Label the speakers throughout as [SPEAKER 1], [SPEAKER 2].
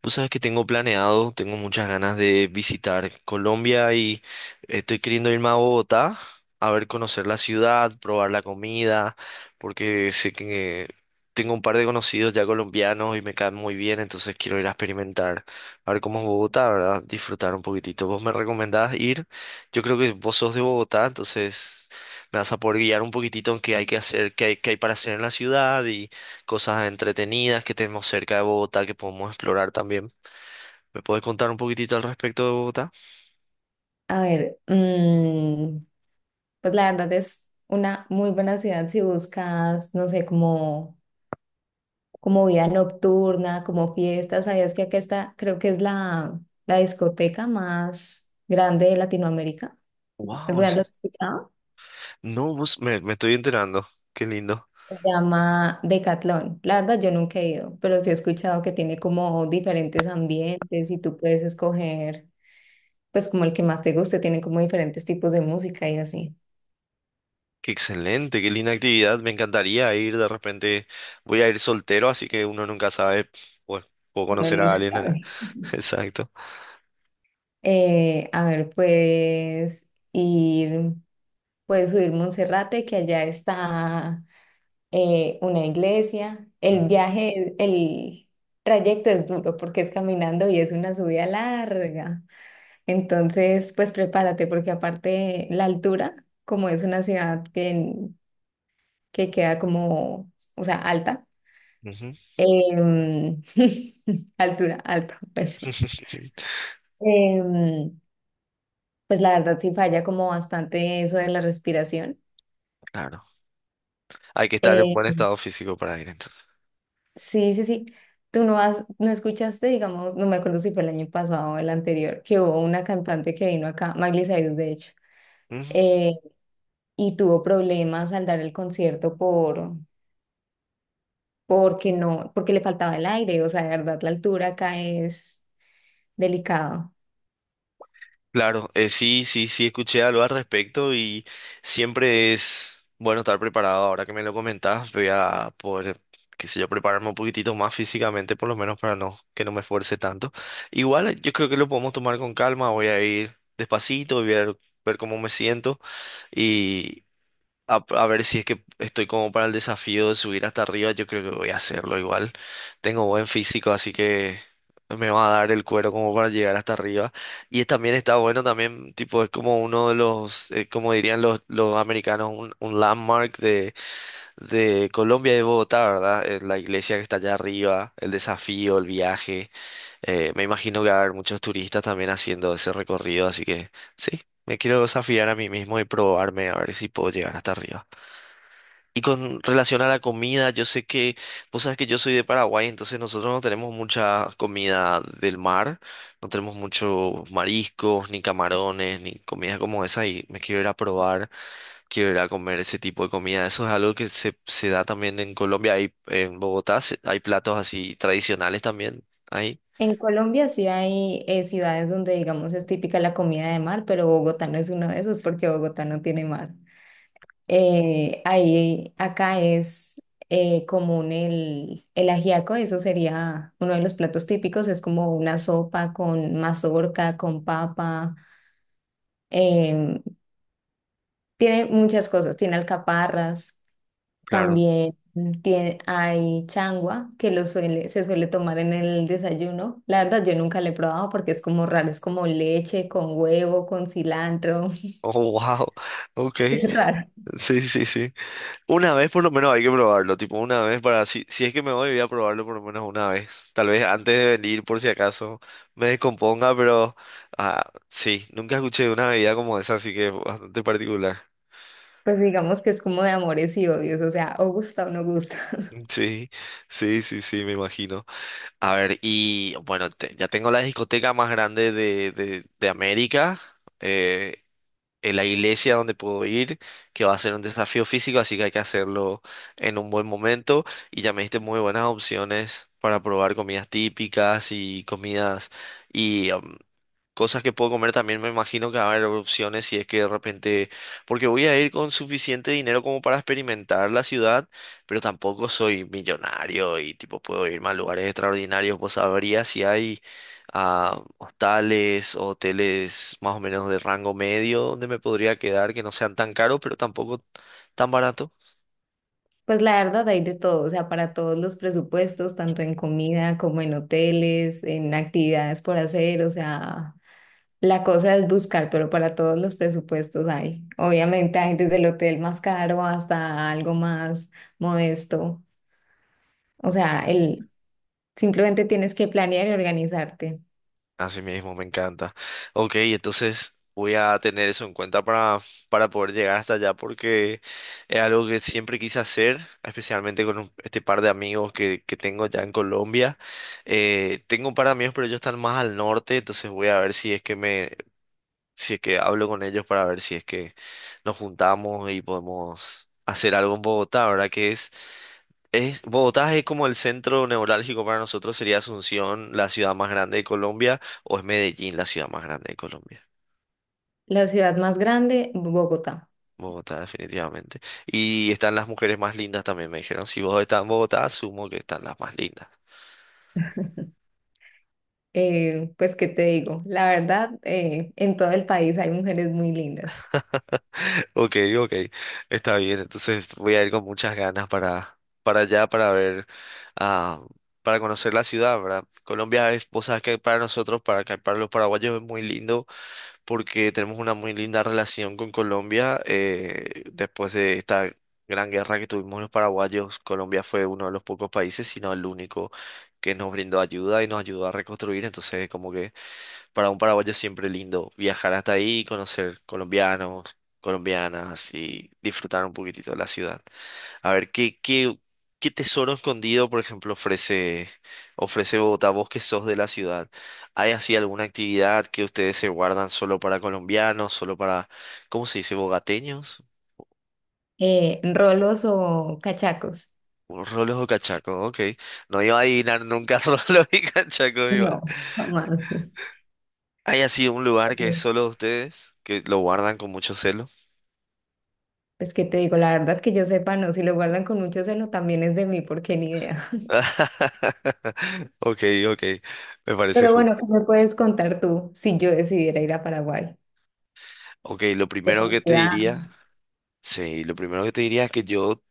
[SPEAKER 1] Pues sabes que tengo planeado, tengo muchas ganas de visitar Colombia y estoy queriendo irme a Bogotá a ver, conocer la ciudad, probar la comida, porque sé que tengo un par de conocidos ya colombianos y me caen muy bien, entonces quiero ir a experimentar, a ver cómo es Bogotá, ¿verdad? Disfrutar un poquitito. Vos me recomendás ir, yo creo que vos sos de Bogotá, entonces me vas a poder guiar un poquitito en qué hay que hacer, qué hay para hacer en la ciudad, cosas entretenidas que tenemos cerca de Bogotá que podemos explorar también. ¿Me puedes contar un poquitito al respecto de Bogotá?
[SPEAKER 2] A ver, pues la verdad es una muy buena ciudad si buscas, no sé, como, como vida nocturna, como fiestas. ¿Sabías que acá está, creo que es la discoteca más grande de Latinoamérica?
[SPEAKER 1] Wow,
[SPEAKER 2] ¿Alguna vez lo has escuchado?
[SPEAKER 1] no, me estoy enterando. Qué lindo.
[SPEAKER 2] Se llama Decathlon. La verdad yo nunca he ido, pero sí he escuchado que tiene como diferentes ambientes y tú puedes escoger, pues como el que más te guste, tiene como diferentes tipos de música y así.
[SPEAKER 1] Qué excelente, qué linda actividad. Me encantaría ir de repente. Voy a ir soltero, así que uno nunca sabe. Bueno, puedo
[SPEAKER 2] Uno
[SPEAKER 1] conocer a
[SPEAKER 2] nunca
[SPEAKER 1] alguien allá.
[SPEAKER 2] sabe.
[SPEAKER 1] Exacto.
[SPEAKER 2] A ver, puedes ir, puedes subir Monserrate, que allá está una iglesia.
[SPEAKER 1] Mm,
[SPEAKER 2] El trayecto es duro porque es caminando y es una subida larga. Entonces, pues prepárate porque aparte la altura, como es una ciudad que queda como, o sea, alta,
[SPEAKER 1] ujú.
[SPEAKER 2] em, altura, alta pues, em, pues la verdad sí falla como bastante eso de la respiración.
[SPEAKER 1] Claro. Hay que estar en
[SPEAKER 2] Eh,
[SPEAKER 1] buen estado físico para ir entonces.
[SPEAKER 2] sí, sí, sí. Tú no has, no escuchaste, digamos, no me acuerdo si fue el año pasado o el anterior, que hubo una cantante que vino acá, Miley Cyrus, de hecho, eh, y tuvo problemas al dar el concierto porque no, porque le faltaba el aire, o sea, de verdad, la altura acá es delicado.
[SPEAKER 1] Claro, sí, sí, sí, escuché algo al respecto y siempre es bueno estar preparado. Ahora que me lo comentás, voy a poder, qué sé yo, prepararme un poquitito más físicamente, por lo menos para no, que no me esfuerce tanto. Igual yo creo que lo podemos tomar con calma, voy a ir despacito, ver cómo me siento y. A ver si es que estoy como para el desafío de subir hasta arriba, yo creo que voy a hacerlo igual. Tengo buen físico, así que me va a dar el cuero como para llegar hasta arriba. También está bueno, también tipo es como uno de como dirían los americanos, un landmark de Colombia y de Bogotá, ¿verdad? La iglesia que está allá arriba, el desafío, el viaje. Me imagino que va a haber muchos turistas también haciendo ese recorrido, así que sí, me quiero desafiar a mí mismo y probarme a ver si puedo llegar hasta arriba. Y con relación a la comida, vos sabes que yo soy de Paraguay, entonces nosotros no tenemos mucha comida del mar, no tenemos muchos mariscos, ni camarones, ni comida como esa, y me quiero ir a probar, quiero ir a comer ese tipo de comida. Eso es algo que se da también en Colombia, hay, en Bogotá hay platos así tradicionales también, ahí.
[SPEAKER 2] En Colombia sí hay ciudades donde, digamos, es típica la comida de mar, pero Bogotá no es uno de esos porque Bogotá no tiene mar. Ahí, acá es común el ajiaco, eso sería uno de los platos típicos, es como una sopa con mazorca, con papa, em, tiene muchas cosas, tiene alcaparras,
[SPEAKER 1] Claro.
[SPEAKER 2] también tiene, hay changua que lo suele, se suele tomar en el desayuno. La verdad, yo nunca la he probado porque es como raro, es como leche con huevo, con cilantro,
[SPEAKER 1] Oh, wow. Ok.
[SPEAKER 2] es raro.
[SPEAKER 1] Sí, sí, sí. Una vez por lo menos hay que probarlo, tipo una vez para, si es que me voy, voy a probarlo por lo menos una vez. Tal vez antes de venir, por si acaso me descomponga, pero ah, sí, nunca escuché de una bebida como esa, así que es bastante particular.
[SPEAKER 2] Pues digamos que es como de amores y odios, o sea, o gusta o no gusta.
[SPEAKER 1] Sí, sí, sí, sí, me imagino. A ver, y bueno, ya tengo la discoteca más grande de América. Eh, en la iglesia donde puedo ir, que va a ser un desafío físico, así que hay que hacerlo en un buen momento. Y ya me diste muy buenas opciones para probar comidas típicas y comidas y cosas que puedo comer también, me imagino que va a haber opciones si es que de repente, porque voy a ir con suficiente dinero como para experimentar la ciudad, pero tampoco soy millonario y tipo puedo irme a lugares extraordinarios. Vos sabrías si hay ah, hostales o hoteles más o menos de rango medio donde me podría quedar que no sean tan caros, pero tampoco tan barato.
[SPEAKER 2] Pues la verdad hay de todo, o sea, para todos los presupuestos, tanto en comida como en hoteles, en actividades por hacer, o sea, la cosa es buscar, pero para todos los presupuestos hay. Obviamente hay desde el hotel más caro hasta algo más modesto, o sea, simplemente tienes que planear y organizarte.
[SPEAKER 1] Así mismo, me encanta. Ok, entonces voy a tener eso en cuenta para poder llegar hasta allá porque es algo que siempre quise hacer, especialmente con este par de amigos que tengo ya en Colombia. Tengo un par de amigos, pero ellos están más al norte, entonces voy a ver si es que me, si es que hablo con ellos para ver si es que nos juntamos y podemos hacer algo en Bogotá, ¿verdad? Que es Bogotá es como el centro neurálgico para nosotros, sería Asunción, la ciudad más grande de Colombia, o es Medellín, la ciudad más grande de Colombia.
[SPEAKER 2] La ciudad más grande, Bogotá.
[SPEAKER 1] Bogotá, definitivamente. Y están las mujeres más lindas también, me dijeron. Si vos estás en Bogotá, asumo que están las más lindas.
[SPEAKER 2] Pues, ¿qué te digo? La verdad, en todo el país hay mujeres muy lindas.
[SPEAKER 1] Ok, ok, está bien. Entonces voy a ir con muchas ganas para allá, para ver, ah, para conocer la ciudad, ¿verdad? Vos sabes que para nosotros, para, acá, para los paraguayos es muy lindo porque tenemos una muy linda relación con Colombia. Eh, después de esta gran guerra que tuvimos los paraguayos, Colombia fue uno de los pocos países, sino el único que nos brindó ayuda y nos ayudó a reconstruir. Entonces, como que para un paraguayo es siempre lindo viajar hasta ahí y conocer colombianos, colombianas y disfrutar un poquitito de la ciudad. A ver, ¿qué tesoro escondido, por ejemplo, ofrece Bogotá? Vos que sos de la ciudad, ¿hay así alguna actividad que ustedes se guardan solo para colombianos, solo para, ¿cómo se dice? ¿Bogateños?
[SPEAKER 2] Rolos o cachacos.
[SPEAKER 1] O Rolos o cachacos, ok. No iba a adivinar nunca rolos y cachacos igual.
[SPEAKER 2] No, jamás.
[SPEAKER 1] ¿Hay así un lugar que es solo de ustedes, que lo guardan con mucho celo?
[SPEAKER 2] Pues que te digo, la verdad que yo sepa, no, si lo guardan con mucho celo también es de mí, porque ni idea.
[SPEAKER 1] Ok, ok, me parece
[SPEAKER 2] Pero bueno,
[SPEAKER 1] justo.
[SPEAKER 2] ¿qué me puedes contar tú si yo decidiera ir a Paraguay?
[SPEAKER 1] Ok, lo
[SPEAKER 2] De tu
[SPEAKER 1] primero que te
[SPEAKER 2] ciudad,
[SPEAKER 1] diría... Sí, lo primero que te diría es que yo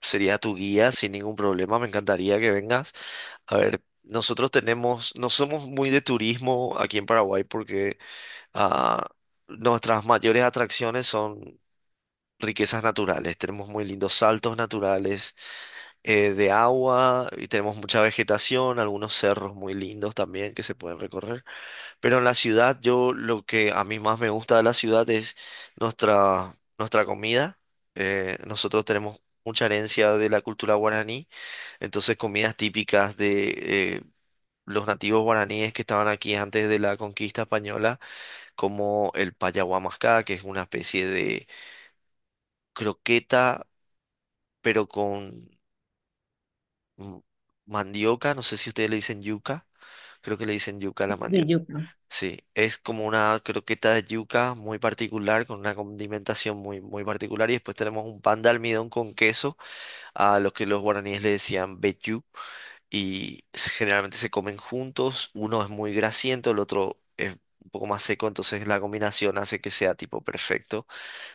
[SPEAKER 1] sería tu guía sin ningún problema. Me encantaría que vengas. A ver, nosotros tenemos, no somos muy de turismo aquí en Paraguay porque ah, nuestras mayores atracciones son riquezas naturales. Tenemos muy lindos saltos naturales de agua y tenemos mucha vegetación, algunos cerros muy lindos también que se pueden recorrer. Pero en la ciudad, yo lo que a mí más me gusta de la ciudad es nuestra comida. Nosotros tenemos mucha herencia de la cultura guaraní, entonces comidas típicas de los nativos guaraníes que estaban aquí antes de la conquista española, como el payahuamascá, que es una especie de croqueta, pero con mm, mandioca, no sé si ustedes le dicen yuca. Creo que le dicen yuca a la
[SPEAKER 2] de
[SPEAKER 1] mandioca.
[SPEAKER 2] Yucatán.
[SPEAKER 1] Sí, es como una croqueta de yuca muy particular, con una condimentación muy particular. Y después tenemos un pan de almidón con queso, a lo que los guaraníes le decían vellú. Generalmente se comen juntos. Uno es muy grasiento, el otro es un poco más seco. Entonces la combinación hace que sea tipo perfecto.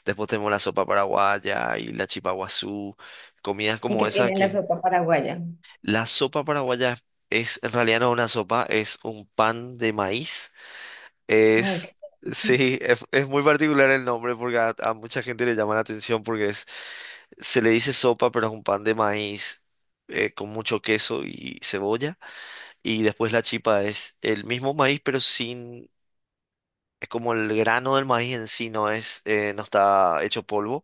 [SPEAKER 1] Después tenemos la sopa paraguaya y la chipa guazú. Comidas
[SPEAKER 2] ¿Y qué
[SPEAKER 1] como esa
[SPEAKER 2] tiene la
[SPEAKER 1] que...
[SPEAKER 2] sopa paraguaya?
[SPEAKER 1] La sopa paraguaya en realidad no es una sopa, es un pan de maíz
[SPEAKER 2] Ok.
[SPEAKER 1] es, sí, es muy particular el nombre porque a mucha gente le llama la atención porque es, se le dice sopa, pero es un pan de maíz con mucho queso y cebolla. Y después la chipa es el mismo maíz, pero sin, es como el grano del maíz en sí, no es, no está hecho polvo.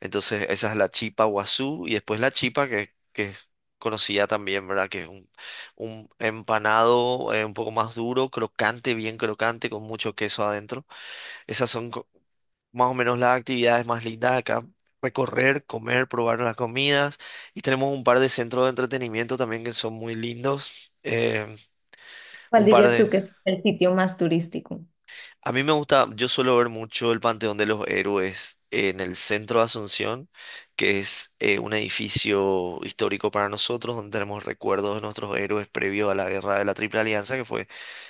[SPEAKER 1] Entonces esa es la chipa guazú y después la chipa que es conocida también, ¿verdad? Que es un empanado un poco más duro, crocante, bien crocante, con mucho queso adentro. Esas son co- Más o menos las actividades más lindas de acá. Recorrer, comer, probar las comidas. Y tenemos un par de centros de entretenimiento también que son muy lindos.
[SPEAKER 2] ¿Cuál
[SPEAKER 1] Un par
[SPEAKER 2] dirías
[SPEAKER 1] de...
[SPEAKER 2] tú que es el sitio más turístico?
[SPEAKER 1] A mí me gusta, yo suelo ver mucho el Panteón de los Héroes en el centro de Asunción, que es un edificio histórico para nosotros, donde tenemos recuerdos de nuestros héroes previo a la guerra de la Triple Alianza, que fue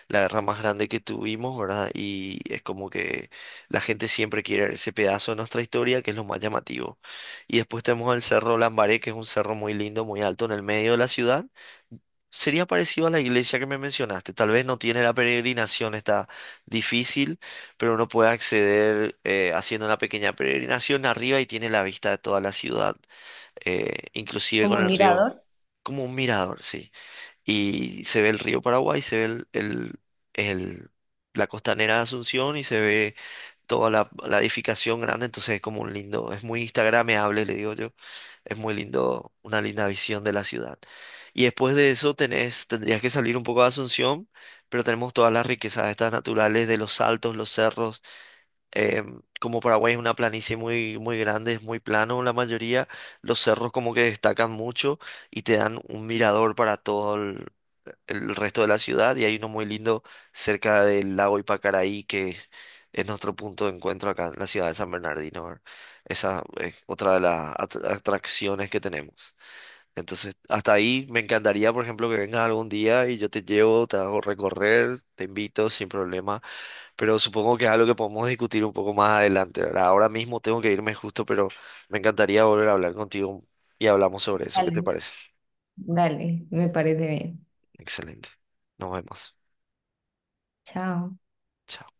[SPEAKER 1] la guerra más grande que tuvimos, ¿verdad? Y es como que la gente siempre quiere ver ese pedazo de nuestra historia, que es lo más llamativo. Y después tenemos el Cerro Lambaré, que es un cerro muy lindo, muy alto en el medio de la ciudad. Sería parecido a la iglesia que me mencionaste. Tal vez no tiene la peregrinación, está difícil, pero uno puede acceder haciendo una pequeña peregrinación arriba y tiene la vista de toda la ciudad, inclusive
[SPEAKER 2] Como
[SPEAKER 1] con
[SPEAKER 2] un
[SPEAKER 1] el río,
[SPEAKER 2] mirador.
[SPEAKER 1] como un mirador, sí. Y se ve el río Paraguay, se ve el- la costanera de Asunción y se ve toda la edificación grande, entonces es como un lindo, es muy instagramable, le digo yo. Es muy lindo, una linda visión de la ciudad. Y después de eso tenés, tendrías que salir un poco de Asunción, pero tenemos todas las riquezas estas naturales de los saltos, los cerros. Em, como Paraguay es una planicie muy grande, es muy plano la mayoría, los cerros como que destacan mucho y te dan un mirador para todo el resto de la ciudad y hay uno muy lindo cerca del lago Ipacaraí que es nuestro punto de encuentro acá en la ciudad de San Bernardino, ¿verdad? Esa es otra de las atracciones que tenemos. Entonces, hasta ahí me encantaría, por ejemplo, que vengas algún día y yo te llevo, te hago recorrer, te invito sin problema, pero supongo que es algo que podemos discutir un poco más adelante, ¿verdad? Ahora mismo tengo que irme justo, pero me encantaría volver a hablar contigo y hablamos sobre eso. ¿Qué te
[SPEAKER 2] Dale.
[SPEAKER 1] parece?
[SPEAKER 2] Dale, me parece bien.
[SPEAKER 1] Excelente. Nos vemos.
[SPEAKER 2] Chao.
[SPEAKER 1] Chao.